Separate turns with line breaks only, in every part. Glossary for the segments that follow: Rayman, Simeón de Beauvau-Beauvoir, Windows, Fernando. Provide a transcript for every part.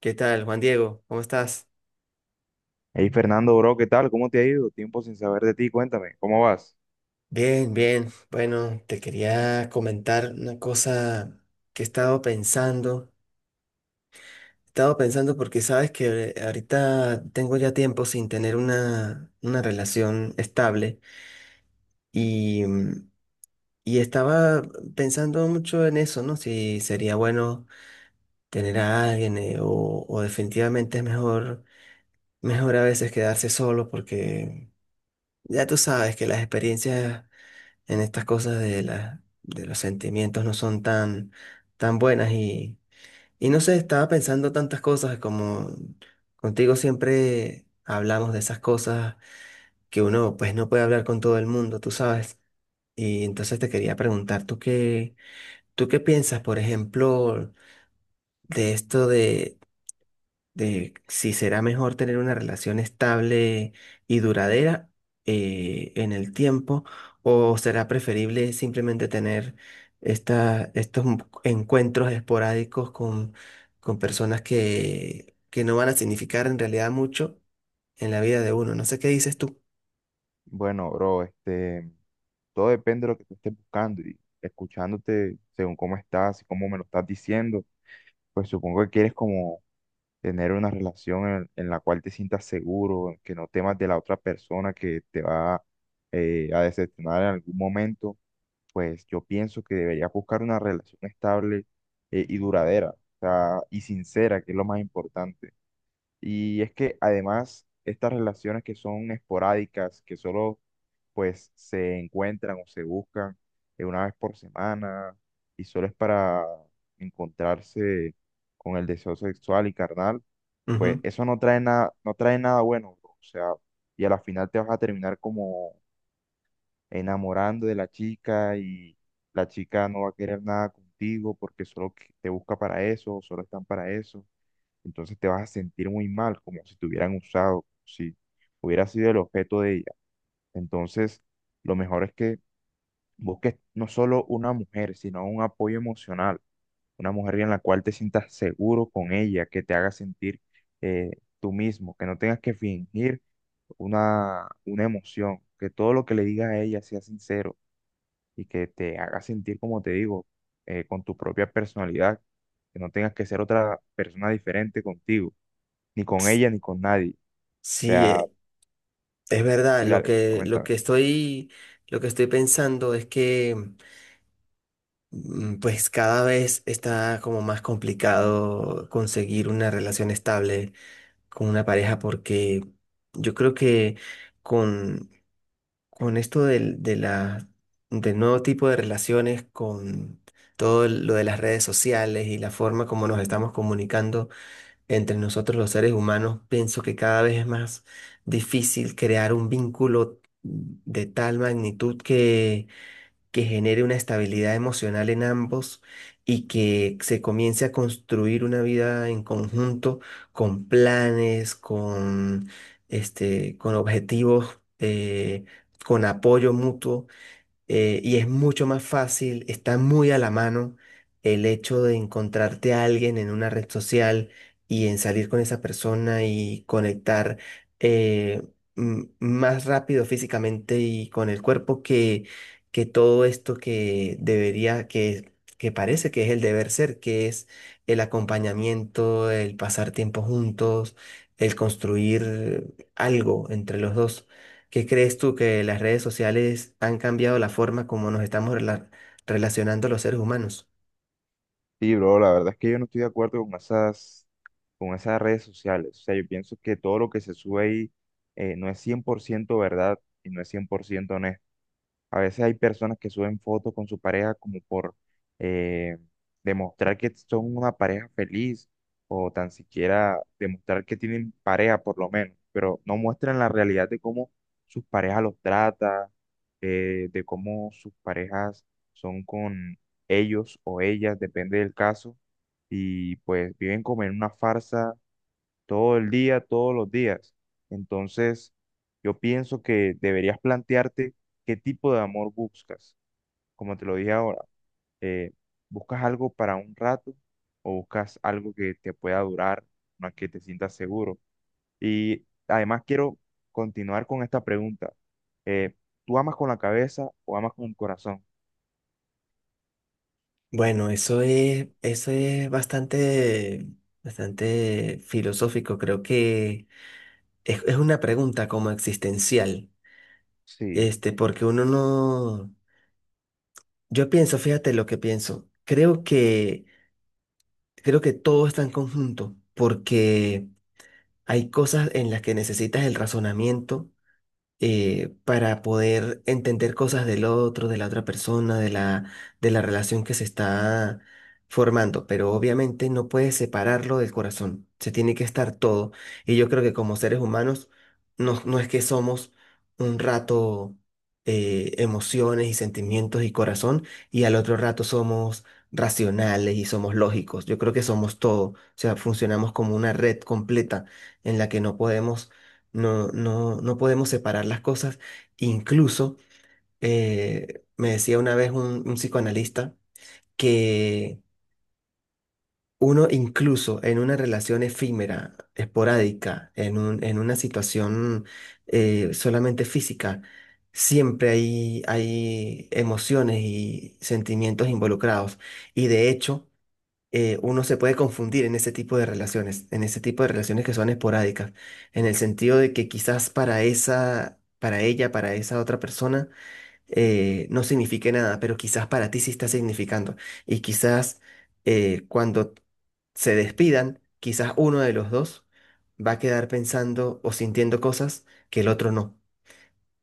¿Qué tal, Juan Diego? ¿Cómo estás?
Hey Fernando, bro, ¿qué tal? ¿Cómo te ha ido? Tiempo sin saber de ti, cuéntame, ¿cómo vas?
Bien, bien. Bueno, te quería comentar una cosa que he estado pensando. He estado pensando porque sabes que ahorita tengo ya tiempo sin tener una relación estable y, y estaba pensando mucho en eso, ¿no? Si sería bueno tener a alguien o definitivamente es mejor, mejor a veces quedarse solo porque ya tú sabes que las experiencias en estas cosas de de los sentimientos no son tan, tan buenas y no sé, estaba pensando tantas cosas como contigo siempre hablamos de esas cosas que uno pues no puede hablar con todo el mundo, tú sabes. Y entonces te quería preguntar, ¿tú qué piensas, por ejemplo, de esto de si será mejor tener una relación estable y duradera en el tiempo o será preferible simplemente tener estos encuentros esporádicos con personas que no van a significar en realidad mucho en la vida de uno? No sé qué dices tú.
Bueno, bro, todo depende de lo que tú estés buscando, y escuchándote según cómo estás y cómo me lo estás diciendo, pues supongo que quieres como tener una relación en la cual te sientas seguro, en que no temas de la otra persona que te va a decepcionar en algún momento. Pues yo pienso que deberías buscar una relación estable y duradera, o sea, y sincera, que es lo más importante. Y es que además estas relaciones que son esporádicas, que solo pues se encuentran o se buscan una vez por semana y solo es para encontrarse con el deseo sexual y carnal, pues
Ujú.
eso no trae nada, no trae nada bueno, bro. O sea, y a la final te vas a terminar como enamorando de la chica, y la chica no va a querer nada contigo porque solo te busca para eso, solo están para eso. Entonces te vas a sentir muy mal, como si te hubieran usado, si hubieras sido el objeto de ella. Entonces, lo mejor es que busques no solo una mujer, sino un apoyo emocional, una mujer en la cual te sientas seguro con ella, que te haga sentir eh, tú mismo, que no tengas que fingir una emoción, que todo lo que le digas a ella sea sincero y que te haga sentir, como te digo, con tu propia personalidad, que no tengas que ser otra persona diferente contigo ni con
S-
ella ni con nadie. O
Sí,
sea,
es verdad.
sí, dale, coméntame.
Lo que estoy pensando es que pues cada vez está como más complicado conseguir una relación estable con una pareja porque yo creo que con, con esto del nuevo tipo de relaciones, con todo lo de las redes sociales y la forma como nos estamos comunicando entre nosotros los seres humanos, pienso que cada vez es más difícil crear un vínculo de tal magnitud que genere una estabilidad emocional en ambos y que se comience a construir una vida en conjunto con planes, este, con objetivos, con apoyo mutuo y es mucho más fácil, está muy a la mano el hecho de encontrarte a alguien en una red social y en salir con esa persona y conectar eh, más rápido físicamente y con el cuerpo que todo esto que debería, que parece que es el deber ser, que es el acompañamiento, el pasar tiempo juntos, el construir algo entre los dos. ¿Qué crees tú que las redes sociales han cambiado la forma como nos estamos relacionando los seres humanos?
Sí, bro, la verdad es que yo no estoy de acuerdo con con esas redes sociales. O sea, yo pienso que todo lo que se sube ahí no es cien por ciento verdad y no es 100% honesto. A veces hay personas que suben fotos con su pareja como por eh, demostrar que son una pareja feliz, o tan siquiera demostrar que tienen pareja por lo menos, pero no muestran la realidad de cómo sus parejas los trata, de cómo sus parejas son con ellos o ellas, depende del caso, y pues viven como en una farsa todo el día, todos los días. Entonces, yo pienso que deberías plantearte qué tipo de amor buscas. Como te lo dije ahora, eh, ¿buscas algo para un rato o buscas algo que te pueda durar, más que te sientas seguro? Y además quiero continuar con esta pregunta. Eh, ¿Tú amas con la cabeza o amas con el corazón?
Bueno, eso es bastante, bastante filosófico. Creo que es una pregunta como existencial.
Sí,
Este, porque uno no. Yo pienso, fíjate lo que pienso. Creo que todo está en conjunto, porque hay cosas en las que necesitas el razonamiento para poder entender cosas del otro, de la otra persona, de de la relación que se está formando, pero obviamente no puedes separarlo del corazón, se tiene que estar todo. Y yo creo que como seres humanos, no, no es que somos un rato emociones y sentimientos y corazón, y al otro rato somos racionales y somos lógicos. Yo creo que somos todo, o sea, funcionamos como una red completa en la que no podemos no podemos separar las cosas. Incluso me decía una vez un psicoanalista que uno incluso en una relación efímera, esporádica, en una situación solamente física, siempre hay, hay emociones y sentimientos involucrados. Y de hecho, uno se puede confundir en ese tipo de relaciones, en ese tipo de relaciones que son esporádicas, en el sentido de que quizás para esa, para ella, para esa otra persona, no signifique nada, pero quizás para ti sí está significando. Y quizás cuando se despidan, quizás uno de los dos va a quedar pensando o sintiendo cosas que el otro no,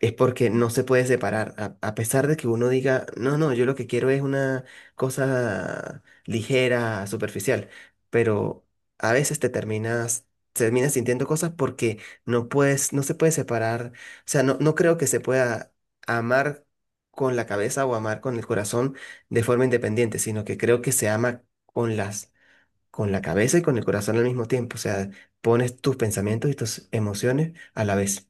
es porque no se puede separar. A pesar de que uno diga, no, no, yo lo que quiero es una cosa ligera, superficial, pero a veces te terminas, terminas sintiendo cosas porque no puedes, no se puede separar. O sea, no, no creo que se pueda amar con la cabeza o amar con el corazón de forma independiente, sino que creo que se ama con con la cabeza y con el corazón al mismo tiempo. O sea, pones tus pensamientos y tus emociones a la vez.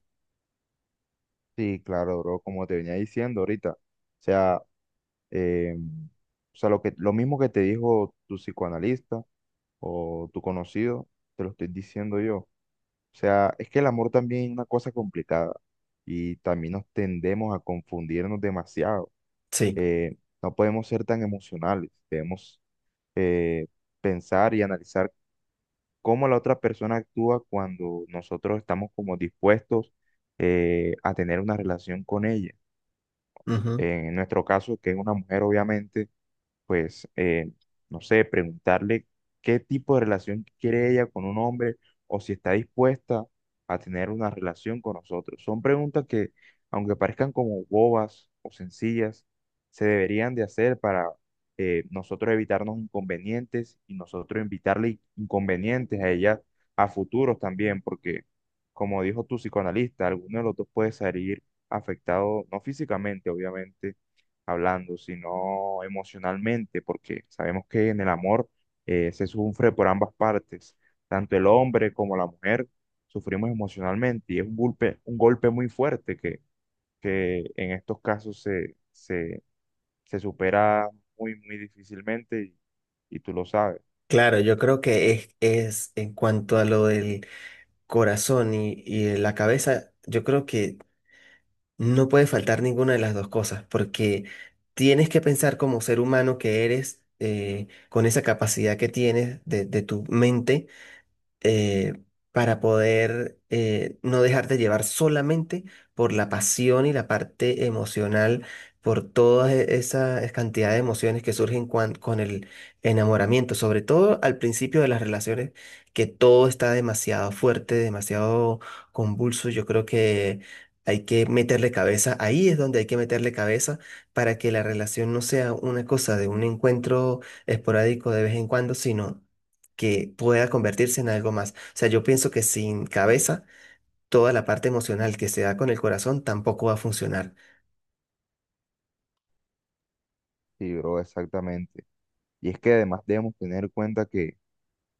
sí, claro, bro, como te venía diciendo ahorita. Sea, eh, o sea, lo mismo que te dijo tu psicoanalista, o tu conocido, te lo estoy diciendo yo. O sea, es que el amor también es una cosa complicada y también nos tendemos a confundirnos demasiado.
Sí.
Eh, no podemos ser tan emocionales, debemos eh, pensar y analizar cómo la otra persona actúa cuando nosotros estamos como dispuestos a tener una relación con ella.
Ujú.
En nuestro caso, que es una mujer, obviamente pues, no sé, preguntarle qué tipo de relación quiere ella con un hombre o si está dispuesta a tener una relación con nosotros. Son preguntas que, aunque parezcan como bobas o sencillas, se deberían de hacer para nosotros evitarnos inconvenientes y nosotros invitarle inconvenientes a ella a futuros también, porque, como dijo tu psicoanalista, alguno de los dos puede salir afectado, no físicamente, obviamente, hablando, sino emocionalmente, porque sabemos que en el amor se sufre por ambas partes, tanto el hombre como la mujer sufrimos emocionalmente, y es un golpe muy fuerte que en estos casos se supera muy, muy difícilmente
Claro, yo creo que es en cuanto a lo del corazón y la cabeza, yo creo que no puede faltar ninguna de las dos cosas, porque tienes que pensar como ser humano que eres, con esa capacidad que tienes de tu mente eh, para poder no dejarte llevar solamente por la pasión y la parte emocional, por todas esas cantidad de emociones que surgen con el enamoramiento, sobre todo al principio de las relaciones, que todo está demasiado fuerte, demasiado convulso. Yo creo que hay que meterle cabeza, ahí es donde hay que meterle cabeza para que la relación no sea una cosa de un encuentro esporádico de vez en cuando, sino que pueda convertirse en algo más. O sea, yo pienso que sin cabeza, toda la parte emocional que se da con el corazón tampoco va a funcionar.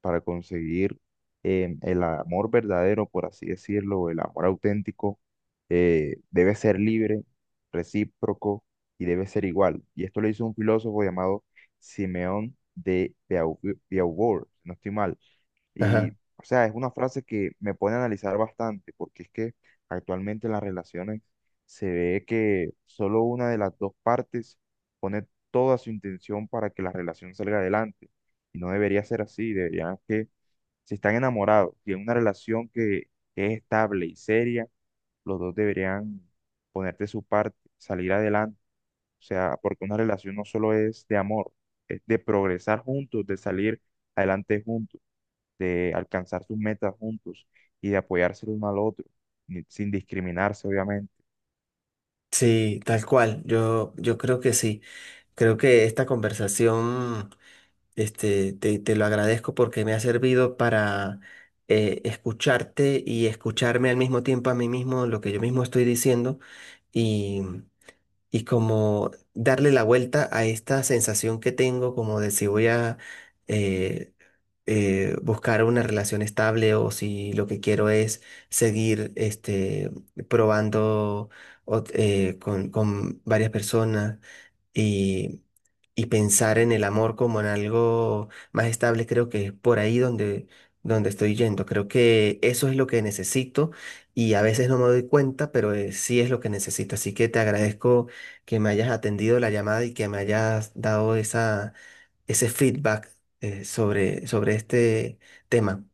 para conseguir el amor verdadero, por así decirlo, el amor auténtico. Debe ser libre, recíproco y debe ser igual. Y esto lo hizo un filósofo llamado Simeón de Beauvoir, si no estoy mal. Y,
Ajá.
o sea, es una frase que me pone a analizar bastante, porque es que actualmente en las relaciones se ve que solo una de las dos partes pone toda su intención para que la relación salga adelante. Y no debería ser así, deberían que, si están enamorados y en una relación que es estable y seria, los dos deberían ponerte su parte, salir adelante. O sea, porque una relación no solo es de amor, es de progresar juntos, de salir adelante juntos, de alcanzar sus metas juntos y de apoyarse el uno al otro, sin discriminarse, obviamente.
Sí, tal cual. Yo creo que sí. Creo que esta conversación, este, te lo agradezco porque me ha servido para escucharte y escucharme al mismo tiempo a mí mismo lo que yo mismo estoy diciendo y, y como darle la vuelta a esta sensación que tengo como de si voy a... eh, buscar una relación estable o si lo que quiero es seguir este, probando con varias personas y, y pensar en el amor como en algo más estable, creo que es por ahí donde, donde estoy yendo. Creo que eso es lo que necesito y a veces no me doy cuenta, pero sí es lo que necesito. Así que te agradezco que me hayas atendido la llamada y que me hayas dado esa ese feedback sobre, sobre este tema.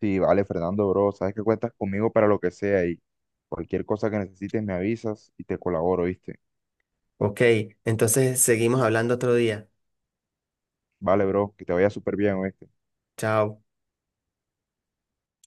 Sí, vale, Fernando, bro, sabes que cuentas conmigo para lo que sea, y cualquier cosa que necesites me avisas y te colaboro, ¿viste?
Ok, entonces seguimos hablando otro día.
Vale, bro, que te vaya súper bien, ¿oíste?
Chao.